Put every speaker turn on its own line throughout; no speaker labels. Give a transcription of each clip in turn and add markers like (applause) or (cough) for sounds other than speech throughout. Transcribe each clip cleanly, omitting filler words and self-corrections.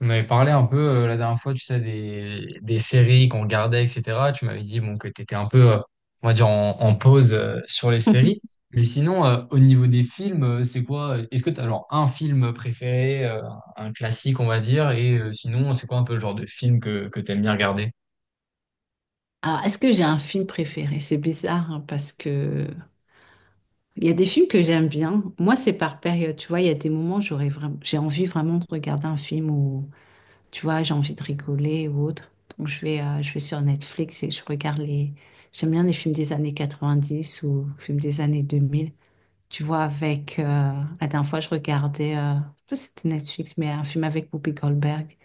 On avait parlé un peu la dernière fois, tu sais, des séries qu'on regardait, etc. Tu m'avais dit bon, que tu étais un peu, on va dire, en pause sur les séries. Mais sinon, au niveau des films, c'est quoi? Est-ce que tu as alors un film préféré, un classique, on va dire, et sinon, c'est quoi un peu le genre de film que tu aimes bien regarder?
Alors, est-ce que j'ai un film préféré? C'est bizarre hein, parce que il y a des films que j'aime bien. Moi, c'est par période. Tu vois, il y a des moments où j'aurais vraiment, j'ai envie vraiment de regarder un film où, tu vois, j'ai envie de rigoler ou autre. Donc, je vais sur Netflix et je regarde les. J'aime bien les films des années 90 ou films des années 2000. Tu vois, avec la dernière fois, je regardais, je sais pas si c'était Netflix, mais un film avec Whoopi Goldberg.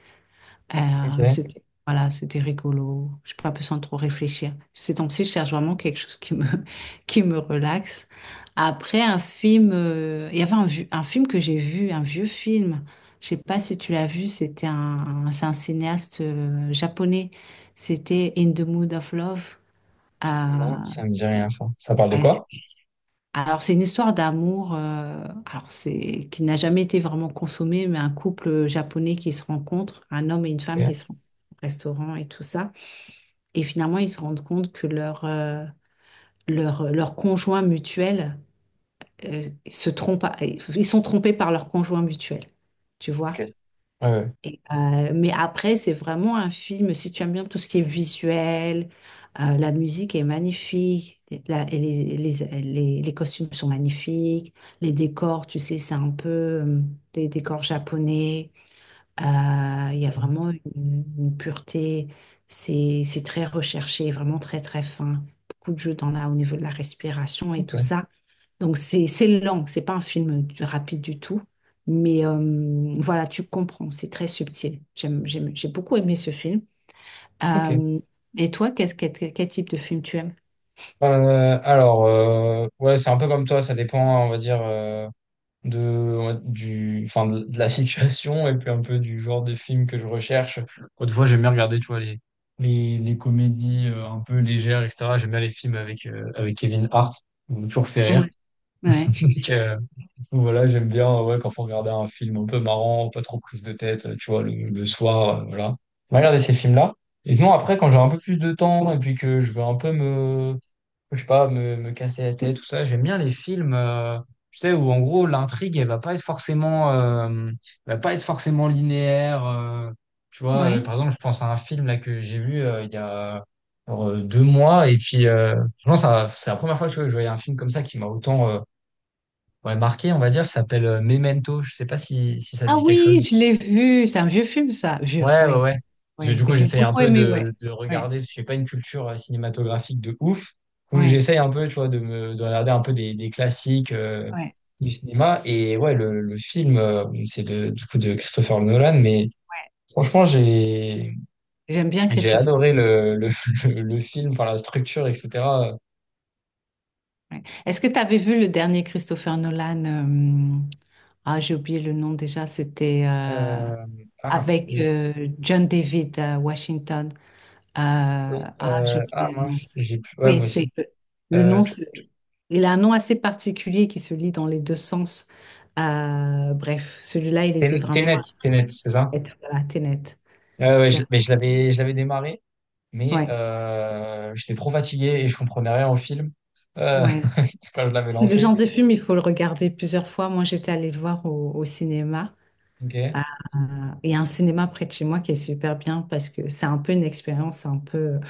Ok,
C'était voilà, c'était rigolo. Je pas besoin de trop réfléchir. Ces temps-ci, je cherche vraiment quelque chose qui me (laughs) qui me relaxe. Après un film, il y avait un film que j'ai vu, un vieux film. Je sais pas si tu l'as vu. C'était c'est un cinéaste japonais. C'était In the Mood of Love. Euh,
non, ça me dit rien, ça. Ça parle de quoi?
alors, c'est une histoire d'amour, alors c'est qui n'a jamais été vraiment consommée, mais un couple japonais qui se rencontre, un homme et une femme qui
Ok,
se rencontrent au restaurant et tout ça. Et finalement, ils se rendent compte que leur conjoint mutuel euh, se trompe, ils sont trompés par leur conjoint mutuel, tu
ok.
vois.
Ouais, ouais.
Mais après, c'est vraiment un film, si tu aimes bien tout ce qui est visuel, la musique est magnifique, et les costumes sont magnifiques, les décors, tu sais, c'est un peu des décors japonais. Il y a vraiment une pureté, c'est très recherché, vraiment très très fin. Beaucoup de jeux dans au niveau de la respiration et tout ça. Donc c'est lent, c'est pas un film rapide du tout, mais voilà, tu comprends, c'est très subtil. J'ai beaucoup aimé ce film.
Ok, ok.
Euh, et toi, quel type de film tu aimes?
Ouais, c'est un peu comme toi, ça dépend, on va dire. Ouais, enfin, de la situation et puis un peu du genre de film que je recherche. Autrefois, j'aime bien regarder, tu vois, les comédies un peu légères, etc. J'aime bien les films avec, avec Kevin Hart. Il m'a toujours fait
Ouais,
rire.
ouais.
(laughs) Donc, voilà, j'aime bien ouais, quand faut regarder un film un peu marrant, pas trop prise de tête, tu vois, le soir, voilà. On va regarder ces films-là. Et sinon, après, quand j'ai un peu plus de temps et puis que je veux un peu je sais pas, me casser la tête, tout ça. J'aime bien les films, tu sais, où en gros l'intrigue, elle va pas être forcément linéaire. Tu vois,
Ouais.
par exemple, je pense à un film là que j'ai vu il y a genre, 2 mois, et puis franchement, ça, c'est la première fois tu vois, que je voyais un film comme ça qui m'a autant ouais, marqué, on va dire. Ça s'appelle Memento. Je sais pas si ça te
Ah
dit quelque
oui,
chose.
je l'ai vu, c'est un vieux film ça, vieux,
Ouais, ouais,
ouais,
ouais. Parce que
ouais.
du coup,
J'ai
j'essaye un
beaucoup
peu
aimé, ouais,
de
ouais,
regarder, parce que j'ai pas une culture cinématographique de ouf. Donc,
ouais,
j'essaye un peu, tu vois, de regarder un peu des classiques
ouais.
du cinéma. Et ouais, le film, du coup de Christopher Nolan. Mais franchement,
J'aime bien
j'ai
Christopher
adoré
Nolan.
(laughs) le film, enfin, la structure, etc.
Ouais. Est-ce que tu avais vu le dernier Christopher Nolan? Ah, j'ai oublié le nom déjà. C'était
Euh,
avec
oui.
John David Washington.
Oui.
Ah, j'ai oublié le nom.
Mince, j'ai plus. Ouais,
Oui,
moi aussi.
c'est le
Euh,
nom. Il a un nom assez particulier qui se lit dans les deux sens. Bref, celui-là, il était
Tenet,
vraiment
Tenet,
à
Tenet, c'est ça?
la Tenet.
Ouais,
J'ai-
mais je l'avais démarré mais
Ouais,
j'étais trop fatigué et je comprenais rien au film euh,
ouais.
(laughs) quand je l'avais
C'est le
lancé.
genre de film, il faut le regarder plusieurs fois. Moi, j'étais allée le voir au cinéma.
Ok,
Euh, Il y a un cinéma près de chez moi qui est super bien parce que c'est un peu une expérience un peu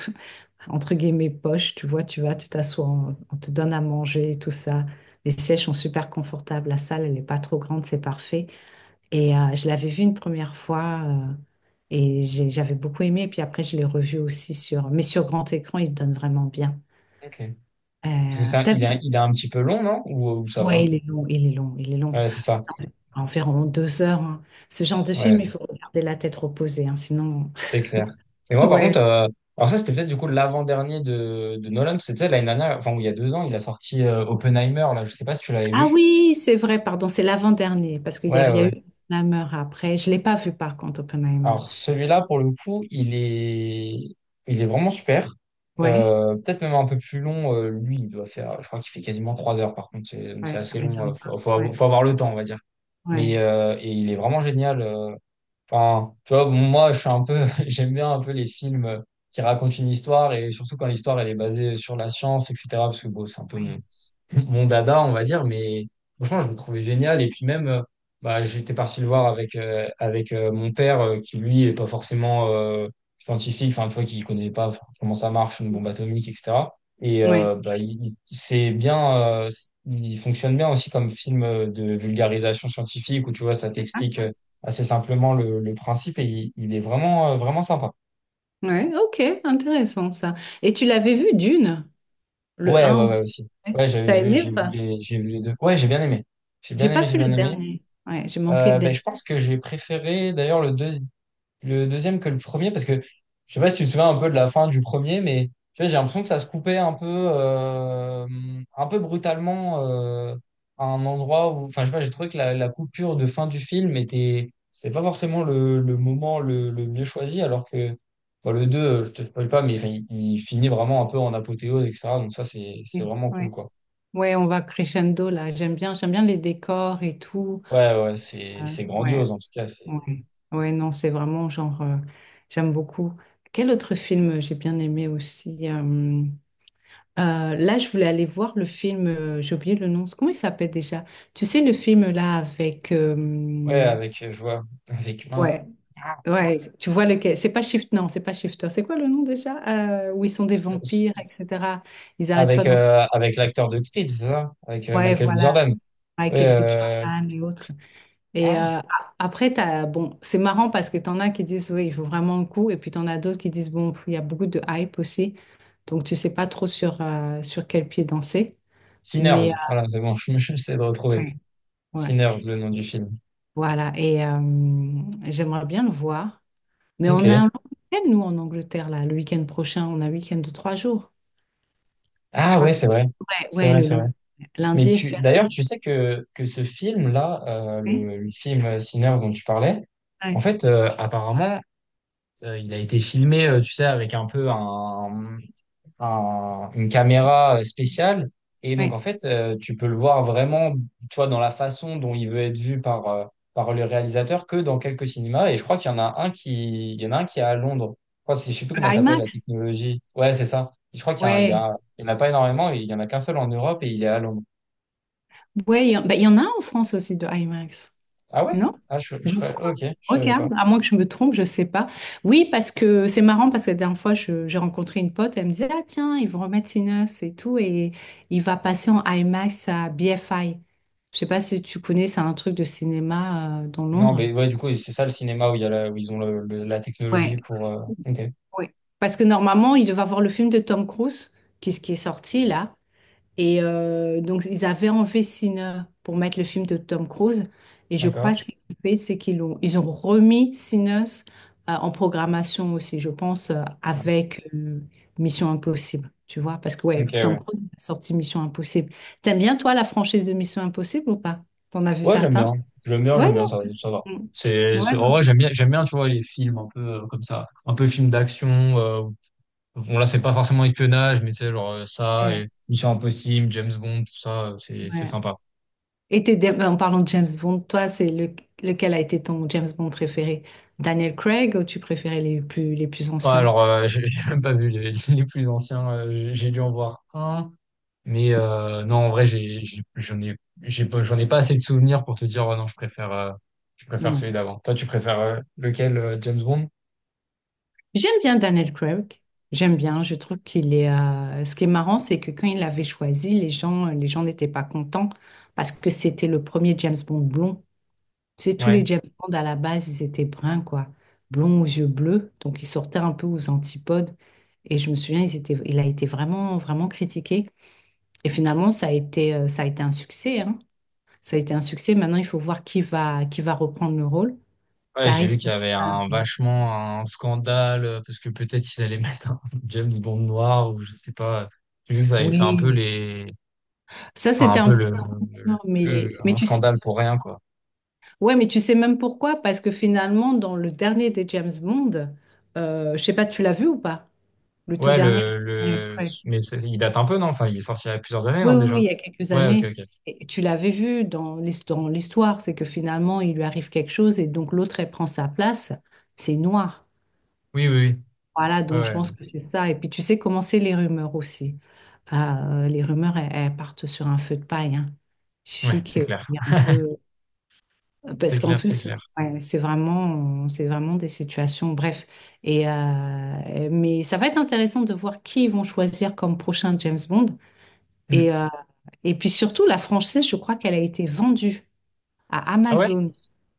entre guillemets poche. Tu vois, tu vas, tu t'assois, on te donne à manger, et tout ça. Les sièges sont super confortables. La salle, elle n'est pas trop grande, c'est parfait. Et je l'avais vu une première fois et j'avais beaucoup aimé. Et puis après, je l'ai revu aussi mais sur grand écran, il donne vraiment bien.
ok. Parce que ça,
T'as vu?
il est un petit peu long, non? Ou ça va?
Ouais, il est long, il est long, il est long.
Ouais, c'est ça.
Environ 2 heures, hein. Ce genre de film,
Ouais,
il faut regarder la tête reposée, hein, sinon.
c'est clair.
(laughs)
Et moi, par
Ouais.
contre, alors ça, c'était peut-être du coup l'avant-dernier de Nolan. C'était l'année dernière, enfin, il y a 2 ans, il a sorti Oppenheimer, là. Je sais pas si tu l'avais
Ah
vu.
oui, c'est vrai, pardon, c'est l'avant-dernier, parce qu'il y
Ouais,
avait-
ouais,
il y a
ouais.
eu Oppenheimer après. Je ne l'ai pas vu par contre, Oppenheimer.
Alors celui-là, pour le coup, il est vraiment super.
Ouais,
Peut-être même un peu plus long. Lui, il doit faire, je crois qu'il fait quasiment 3 heures par contre. C'est- Donc c'est
ouais, ça
assez long. euh,
m'étonne
faut,
pas.
faut avoir
Ouais,
faut avoir le temps, on va dire. Mais
ouais,
et il est vraiment génial. Enfin, tu vois, bon, moi, je suis un peu, (laughs) j'aime bien un peu les films qui racontent une histoire et surtout quand l'histoire elle est basée sur la science, etc. Parce que bon, c'est un peu
ouais,
mon dada, on va dire, mais franchement, je le trouvais génial. Et puis même, bah, j'étais parti le voir avec, mon père, qui lui est pas forcément scientifique, enfin, tu vois, qui connaît pas enfin, comment ça marche, une bombe atomique, etc. Et
ouais.
bah, c'est bien, euh, il fonctionne bien aussi comme film de vulgarisation scientifique, où tu vois, ça t'explique
Ah,
assez simplement le principe, et il est vraiment, vraiment sympa.
ouais, ok, intéressant ça. Et tu l'avais vu Dune, le
Ouais,
un
ouais,
ou
ouais, aussi.
Ouais.
Ouais,
T'as aimé ou pas?
j'ai vu les deux. Ouais, j'ai bien aimé. J'ai
J'ai
bien aimé,
pas
j'ai
vu
bien
le
aimé.
dernier. Ouais, j'ai manqué le
Ben,
dernier.
je pense que j'ai préféré d'ailleurs le deuxième que le premier parce que je sais pas si tu te souviens un peu de la fin du premier, mais tu vois, j'ai l'impression que ça se coupait un peu brutalement à un endroit où, enfin, je sais pas, j'ai trouvé que la coupure de fin du film était, c'est pas forcément le moment le mieux choisi, alors que bon, le 2, je te spoil pas, mais enfin, il finit vraiment un peu en apothéose, etc. Donc ça, c'est vraiment cool,
Ouais.
quoi.
Ouais, on va crescendo là. J'aime bien les décors et tout.
Ouais, ouais, c'est c'est
Ouais.
grandiose en tout cas.
Ouais. Ouais, non, c'est vraiment genre, j'aime beaucoup. Quel autre film j'ai bien aimé aussi Là, je voulais aller voir le film, j'ai oublié le nom, comment il s'appelle déjà? Tu sais, le film là avec.
Ouais, avec, je vois, avec mince.
Ouais. Ouais, tu vois lequel? C'est pas Shift, non, c'est pas Shifter. C'est quoi le nom déjà? Où ils sont des
Euh, s-
vampires, etc. Ils arrêtent pas
Avec,
d'en.
avec l'acteur de Creed, c'est ça? Avec
Ouais,
Michael B. Jordan.
voilà.
Ouais,
Michael B. Jordan et autres. Et
ah,
après, t'as, bon, c'est marrant parce que t'en as qui disent, oui, il faut vraiment le coup. Et puis t'en as d'autres qui disent, bon, pff, il y a beaucoup de hype aussi. Donc, tu sais pas trop sur quel pied danser. Mais
Sinners. Voilà, c'est bon, (laughs) j'essaie de retrouver.
ouais, ouais.
Sinners, le nom du film.
Voilà. Et j'aimerais bien le voir. Mais on a un
Ok.
long week-end, nous, en Angleterre, là, le week-end prochain. On a un week-end de 3 jours. Je
Ah
crois
ouais,
que...
c'est vrai.
Ouais,
C'est
ouais,
vrai,
le
c'est vrai.
lundi.
Mais
Lundi est
d'ailleurs,
férié.
tu sais que ce film-là,
Oui,
le film Sinners dont tu parlais, en
ouais,
fait, apparemment, il a été filmé, tu sais, avec un peu une caméra spéciale. Et donc,
ouais.
en fait, tu peux le voir vraiment, tu vois, dans la façon dont il veut être vu par le réalisateur que dans quelques cinémas. Et je crois qu'il y en a un qui, il y en a un qui est à Londres. Je crois, je sais plus
Le
comment ça s'appelle, la
IMAX.
technologie. Ouais, c'est ça. Je crois qu'il y en a,
Ouais.
il y en a pas énormément. Il y en a qu'un seul en Europe et il est à Londres.
Ouais, en bah, il y en a en France aussi de IMAX.
Ah ouais?
Non?
Ah,
Je
ok, je savais
Regarde,
pas.
à moins que je me trompe, je sais pas. Oui, parce que c'est marrant parce que la dernière fois, j'ai rencontré une pote, elle me disait, ah tiens, ils vont remettre Sinners et tout, et il va passer en IMAX à BFI. Je sais pas si tu connais, c'est un truc de cinéma dans
Non,
Londres.
mais ouais, du coup, c'est ça le cinéma où il y a la- où ils ont le- la technologie
Ouais,
pour. Ok,
ouais. Parce que normalement, il devait avoir le film de Tom Cruise, qui est sorti là. Et donc, ils avaient enlevé Sinner pour mettre le film de Tom Cruise. Et je crois
d'accord.
ce qu'ils ont fait, c'est ils ont remis Sinners en programmation aussi, je pense,
Ouais.
avec Mission Impossible. Tu vois, parce que ouais,
Ok,
Tom
ouais.
Cruise a sorti Mission Impossible. T'aimes bien, toi, la franchise de Mission Impossible ou pas? T'en as vu
Ouais, j'aime
certains?
bien. J'aime bien,
Ouais,
j'aime bien, ça,
non.
ça va.
Mm. Ouais,
En vrai,
non.
j'aime bien, tu vois, les films un peu comme ça. Un peu films d'action. euh, bon, là, c'est pas forcément espionnage, mais tu sais, genre ça,
Ouais,
et Mission Impossible, James Bond, tout ça, c'est
ouais.
sympa.
Et t'es, en parlant de James Bond, toi, c'est lequel a été ton James Bond préféré? Daniel Craig ou tu préférais les plus
Ouais,
anciens?
alors, (laughs) j'ai même pas vu les plus anciens. J'ai dû en voir un. Mais non, en vrai, j'en ai pas assez de souvenirs pour te dire, oh non, je préfère
Ouais.
celui d'avant. Toi, tu préfères lequel, James Bond?
J'aime bien Daniel Craig. J'aime bien. Je trouve qu'il est. Ce qui est marrant, c'est que quand il l'avait choisi, les gens n'étaient pas contents parce que c'était le premier James Bond blond. C'est tous
Ouais.
les James Bond à la base, ils étaient bruns, quoi, blonds aux yeux bleus. Donc ils sortaient un peu aux antipodes. Et je me souviens, ils étaient, il a été vraiment, vraiment critiqué. Et finalement, ça a été un succès, hein. Ça a été un succès. Maintenant, il faut voir qui va reprendre le rôle.
Ouais,
Ça
j'ai vu
risque.
qu'il y avait un vachement un scandale parce que peut-être ils allaient mettre un (laughs) James Bond noir ou je sais pas. J'ai vu que ça avait fait un peu
Oui.
les,
Ça,
enfin
c'était
un peu
un. Non,
le-
mais, mais
un
tu sais,
scandale pour rien quoi.
ouais, mais tu sais même pourquoi? Parce que finalement, dans le dernier des James Bond, je sais pas, tu l'as vu ou pas? Le tout
Ouais,
dernier, avec Daniel Craig.
il date un peu non? Enfin, il est sorti il y a plusieurs années
Oui,
non
oui, oui,
déjà?
il y a quelques
Ouais, ok,
années.
ok.
Et tu l'avais vu dans l'histoire, c'est que finalement, il lui arrive quelque chose et donc l'autre, elle prend sa place. C'est noir.
Oui, oui, oui.
Voilà,
Ouais,
donc je
ouais,
pense que c'est ça. Et puis tu sais comment c'est les rumeurs aussi. Les rumeurs, elles partent sur un feu de paille, hein. Il
Ouais,
suffit
c'est
qu'il
clair.
y ait un peu.
C'est
Parce qu'en
clair, c'est
plus,
clair.
ouais, c'est vraiment des situations, bref. Mais ça va être intéressant de voir qui ils vont choisir comme prochain James Bond.
Hmm.
Et, euh, et puis surtout, la franchise, je crois qu'elle a été vendue à
Ah ouais?
Amazon.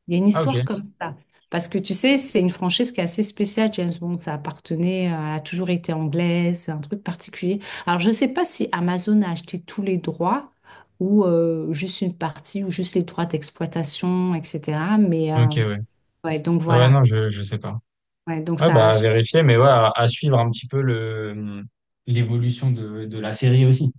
Il y a une
Ah ok.
histoire comme ça. Parce que tu sais, c'est une franchise qui est assez spéciale. James Bond, ça appartenait, elle a toujours été anglaise, un truc particulier. Alors, je ne sais pas si Amazon a acheté tous les droits ou juste une partie ou juste les droits d'exploitation, etc. Mais
Ok, ouais.
ouais, donc
Ah ouais,
voilà.
non, je sais pas.
Ouais, donc
Ouais, bah
ça,
à vérifier, mais ouais, à suivre un petit peu le l'évolution de la série aussi.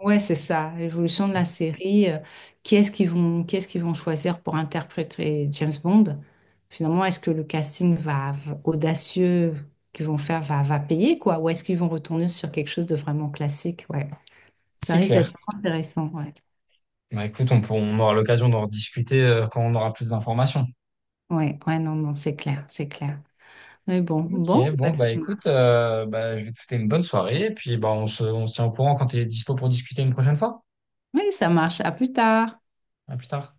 Ouais, c'est ça, l'évolution de la série. Qui est-ce qu'ils vont choisir pour interpréter James Bond? Finalement, est-ce que le casting audacieux qu'ils vont faire va payer, quoi? Ou est-ce qu'ils vont retourner sur quelque chose de vraiment classique? Ouais, ça
C'est
risque
clair.
d'être vraiment intéressant. Ouais,
Bah écoute, on aura l'occasion d'en rediscuter quand on aura plus d'informations.
ouais, ouais, non, non, c'est clair, c'est clair. Mais bon,
Ok,
bon,
bon,
bah, ça
bah
marche.
écoute, bah, je vais te souhaiter une bonne soirée et puis bah, on se tient au courant quand tu es dispo pour discuter une prochaine fois.
Oui, ça marche. À plus tard.
À plus tard.